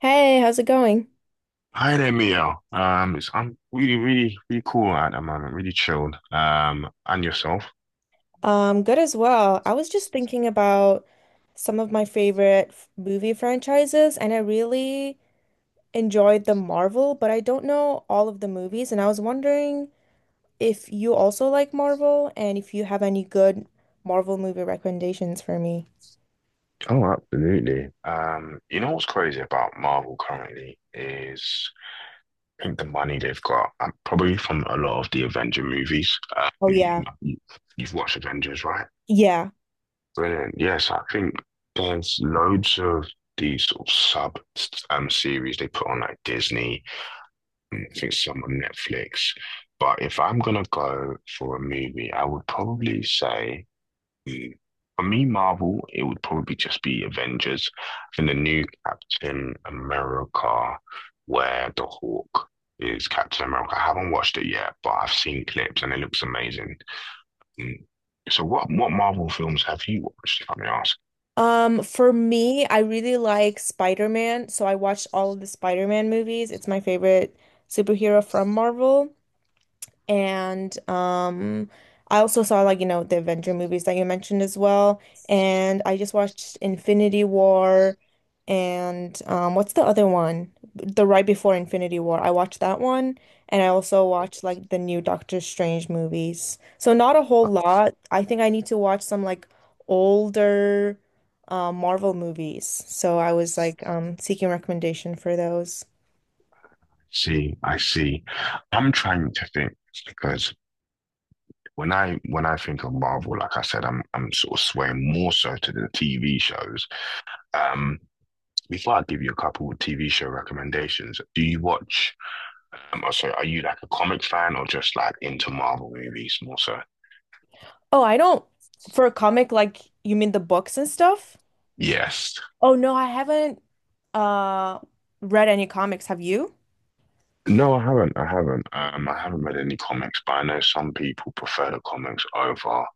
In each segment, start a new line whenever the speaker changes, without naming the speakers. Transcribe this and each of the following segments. Hey, how's it going?
Hi there, Mio. It's I'm really, really, really cool at the moment, really chilled. And yourself?
Good as well. I was just thinking about some of my favorite movie franchises, and I really enjoyed the Marvel, but I don't know all of the movies, and I was wondering if you also like Marvel and if you have any good Marvel movie recommendations for me.
Oh, absolutely. You know what's crazy about Marvel currently is I think the money they've got, probably from a lot of the Avenger movies.
Oh yeah.
You- you've watched Avengers, right?
Yeah.
Brilliant. Yes, I think there's loads of these sort of sub series they put on like Disney. I think some on Netflix. But if I'm gonna go for a movie, I would probably say mm, for me, Marvel, it would probably just be Avengers and the new Captain America, where the Hawk is Captain America. I haven't watched it yet, but I've seen clips and it looks amazing. Mm. So what Marvel films have you watched, if I may ask?
For me, I really like Spider-Man, so I watched all of the Spider-Man movies. It's my favorite superhero from Marvel. And I also saw, like, you know, the Avenger movies that you mentioned as well. And I just watched Infinity War, and what's the other one? The right before Infinity War. I watched that one. And I also watched like the new Doctor Strange movies. So not a
I
whole lot. I think I need to watch some like older Marvel movies. So I was like seeking recommendation for those.
see, I see. I'm trying to think because when I think of Marvel, like I said, I'm sort of swaying more so to the TV shows. Um, before I give you a couple of TV show recommendations, do you watch? Oh, sorry, are you like a comic fan or just like into Marvel movies more so?
Oh, I don't. For a comic, like you mean the books and stuff?
Yes.
Oh no, I haven't uh read any comics. Have you?
No, I haven't. I haven't. I haven't read any comics, but I know some people prefer the comics over.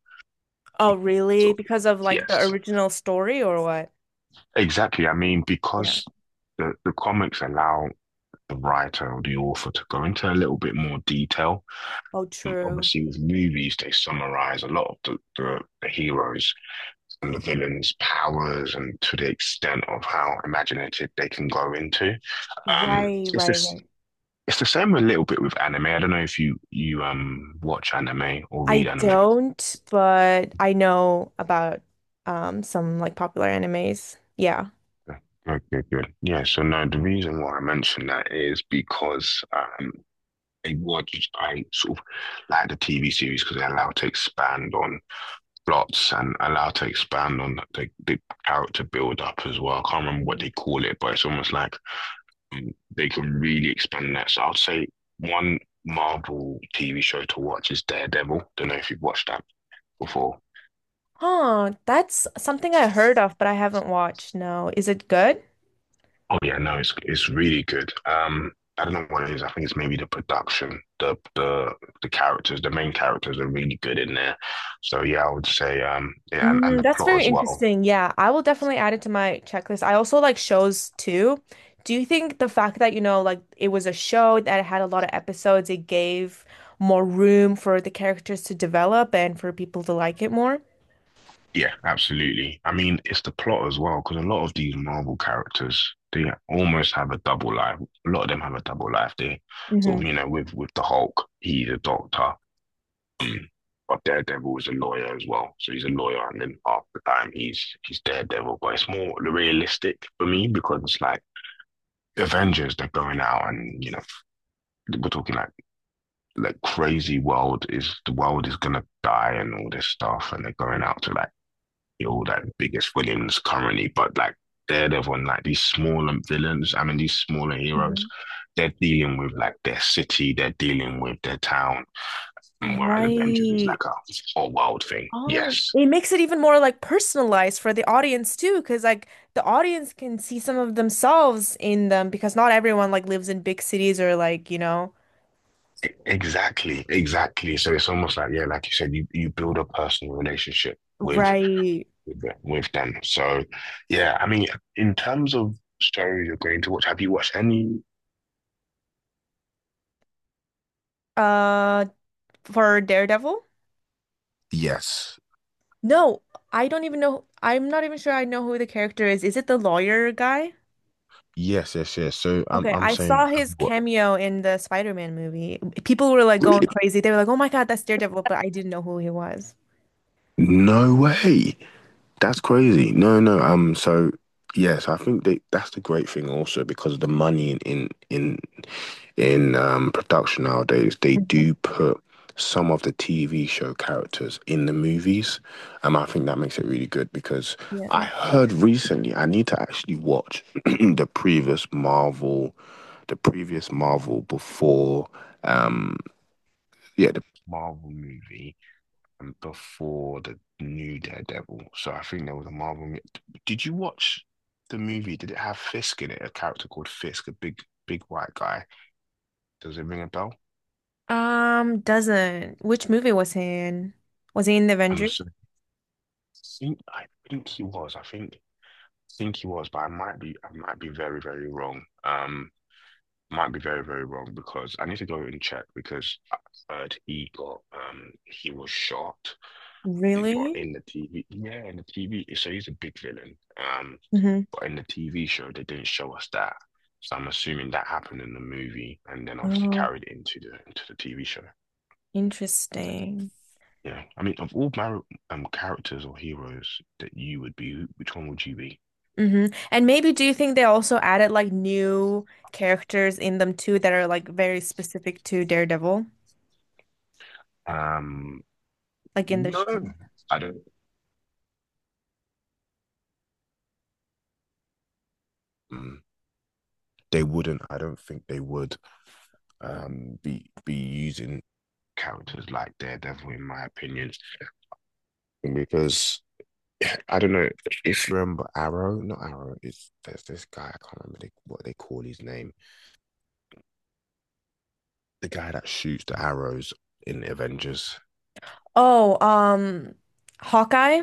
Oh really?
So,
Because of like the
yes,
original story or what?
exactly. I mean,
Yeah.
because the comics allow the writer or the author to go into a little bit more detail.
Oh true.
Obviously with movies they summarize a lot of the heroes and the villains powers, and to the extent of how imaginative they can go into.
Right,
It's
right,
this,
right.
it's the same a little bit with anime. I don't know if you watch anime or
I
read anime.
don't, but I know about some like popular animes. Yeah.
Okay, good. Yeah, so no, the reason why I mentioned that is because I watched, I sort of like the TV series because they allow to expand on plots and allow to expand on the character build up as well. I can't remember what they call it, but it's almost like um, they can really expand that. So I'd say one Marvel TV show to watch is Daredevil. Don't know if you've watched that before.
Huh, that's something I heard of, but I haven't watched. No. Is it good?
Oh yeah, no, it's really good. I don't know what it is. I think it's maybe the production, the characters, the main characters are really good in there. So yeah, I would say yeah, and
Mm,
the
that's
plot
very
as well.
interesting. Yeah, I will definitely add it to my checklist. I also like shows too. Do you think the fact that, you know, like it was a show that had a lot of episodes, it gave more room for the characters to develop and for people to like it more?
Yeah, absolutely. I mean, it's the plot as well, because a lot of these Marvel characters, they almost have a double life. A lot of them have a double life. They sort
Hmm.
of, you know, with the Hulk, he's a doctor, but Daredevil is a lawyer as well. So he's a lawyer, and then half the time he's Daredevil. But it's more realistic for me because it's like Avengers, they're going out, and you know, we're talking like crazy world is the world is gonna die and all this stuff, and they're going out to like all like biggest villains currently, but like Daredevil and like these smaller villains, I mean these smaller heroes,
Mhm.
they're dealing with like their city, they're dealing with their town, whereas Avengers is
Right.
like a whole world thing. Yes.
It makes it even more like personalized for the audience too, because like the audience can see some of themselves in them because not everyone like lives in big cities or like, you know.
Exactly. So it's almost like, yeah, like you said, you build a personal relationship with
Right.
with them. So yeah, I mean, in terms of shows you're going to watch, have you watched any?
Uh, for Daredevil?
Yes.
No, I don't even know. I'm not even sure I know who the character is. Is it the lawyer guy?
Yes, yes, yes. So I'm
Okay,
I'm
I
saying
saw his
I've
cameo in the Spider-Man movie. People were like going
got.
crazy. They were like, "Oh my God, that's Daredevil," but I didn't know who he was.
No way. That's crazy. No, no. So yes, I think that that's the great thing also because of the money in production nowadays, they
Mhm.
do put some of the TV show characters in the movies. I think that makes it really good because
Yeah.
I heard recently I need to actually watch the previous Marvel before um yeah, the Marvel movie before the new Daredevil. So I think there was a Marvel. Did you watch the movie? Did it have Fisk in it? A character called Fisk, a big, big white guy. Does it ring a bell?
Doesn't. Which movie was he in? Was he in the
I'm
Avengers?
so, I I think he was. I think he was, but I might be very, very wrong. Might be very, very wrong because I need to go and check because I heard he got he was shot, but
Really?
in the TV, yeah, in the TV. So he's a big villain.
Hmm.
But in the TV show, they didn't show us that. So I'm assuming that happened in the movie and then obviously
Oh,
carried into the TV show.
interesting.
Yeah. I mean, of all my characters or heroes that you would be, which one would you be?
Mm-hmm. And maybe do you think they also added like new characters in them too that are like very specific to Daredevil?
Um,
Like in the
no,
show.
I don't. mm, They wouldn't. I don't think they would be using characters like Daredevil in my opinion because I don't know if you remember Arrow, not Arrow. It's there's this guy I can't remember they, what they call his name. The guy that shoots the arrows in Avengers.
Oh, Hawkeye.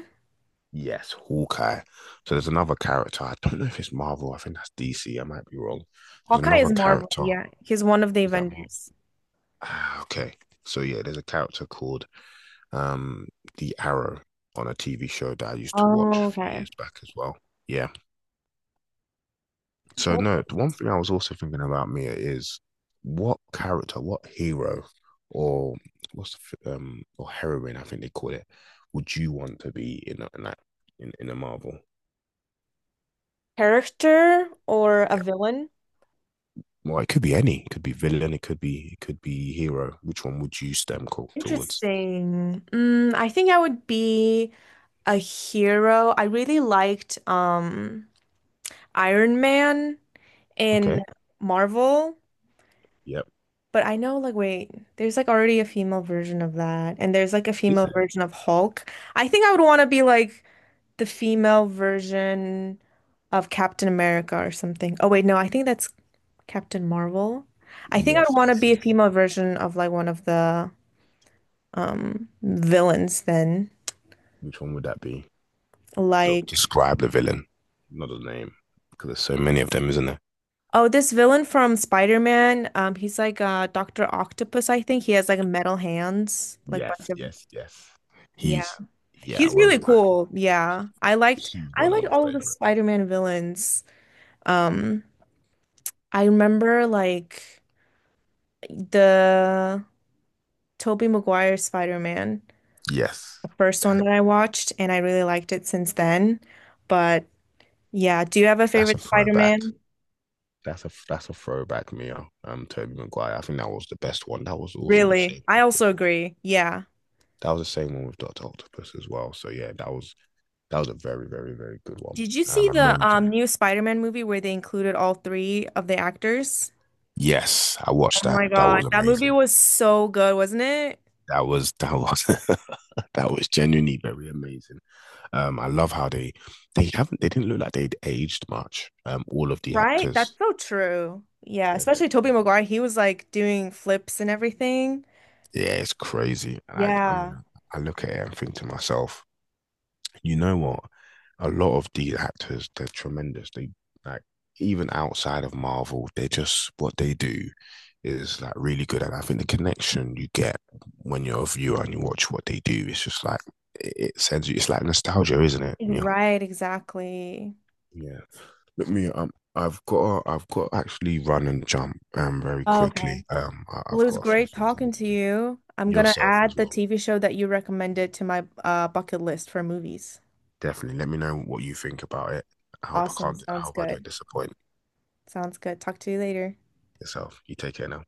Yes, Hawkeye. So there's another character. I don't know if it's Marvel. I think that's DC. I might be wrong. There's
Hawkeye
another
is Marvel.
character.
Yeah, he's one of the
Is that Marvel?
Avengers.
Ah, okay. So yeah, there's a character called um the Arrow on a TV show that I used to watch
Oh,
a few
okay.
years back as well. Yeah. So no, the one thing I was also thinking about Mia is what character, what hero, or what's the, or heroine I think they call it, would you want to be in a, in that in a Marvel?
Character or a
Yeah.
villain?
Well, it could be any. It could be villain. It could be hero. Which one would you stem call towards?
Interesting. Mm, I think I would be a hero. I really liked Iron Man in
Okay.
Marvel,
Yep.
but I know, like, wait, there's like already a female version of that, and there's like a
Is
female
there?
version of Hulk. I think I would want to be like the female version of Captain America or something. Oh wait, no, I think that's Captain Marvel. I think I'd
Yes.
want to
Yes.
be a
Yes.
female version of like one of the villains then.
Which one would that be? De-
Like
describe the villain, not the name, because there's so many of them, isn't there?
oh, this villain from Spider-Man, he's like Dr. Octopus, I think. He has like metal hands, like bunch
Yes.
of
Yes. Yes.
yeah.
He's yeah. I
He's
won't
really
lie.
cool. Yeah.
He's
I
one of
liked
my
all of the
favorite.
Spider-Man villains. Um I remember like the Tobey Maguire's Spider-Man,
Yes.
the first one that
Damn,
I watched, and I really liked it since then. But yeah, do you have a
that's a
favorite
throwback.
Spider-Man?
That's a throwback, Mio. Toby Maguire. I think that was the best one. That was also the
Really?
same
I
one
also
with
agree. Yeah.
that was the same one with Doctor Octopus as well. So yeah, that was a very very very good one.
Did you see
And
the
Mary Jane.
new Spider-Man movie where they included all three of the actors?
Yes, I watched
Oh
that.
my
That was
God, that movie
amazing.
was so good, wasn't it?
That was that was genuinely very amazing. I love how they didn't look like they'd aged much. All of the
Right? That's
actors,
so true. Yeah,
they're,
especially Tobey
they're
Maguire, he was like doing flips and everything.
yeah, it's crazy. And I mean,
Yeah.
I look at it and think to myself, you know what? A lot of these actors, they're tremendous. They like even outside of Marvel, they just what they do is like really good. And I think the connection you get when you're a viewer and you watch what they do, it's just like it sends you. It's like nostalgia, isn't it? Yeah.
Right, exactly.
Yeah. Look, me, I've got to actually run and jump very
Okay.
quickly. Um,
Well, it
I've
was
got a few
great
things I need
talking to
to do.
you. I'm gonna
Yourself as
add the
well.
TV show that you recommended to my bucket list for movies.
Definitely. Let me know what you think about it. I hope I
Awesome.
can't. I
Sounds
hope I don't
good.
disappoint
Sounds good. Talk to you later.
yourself. You take care now.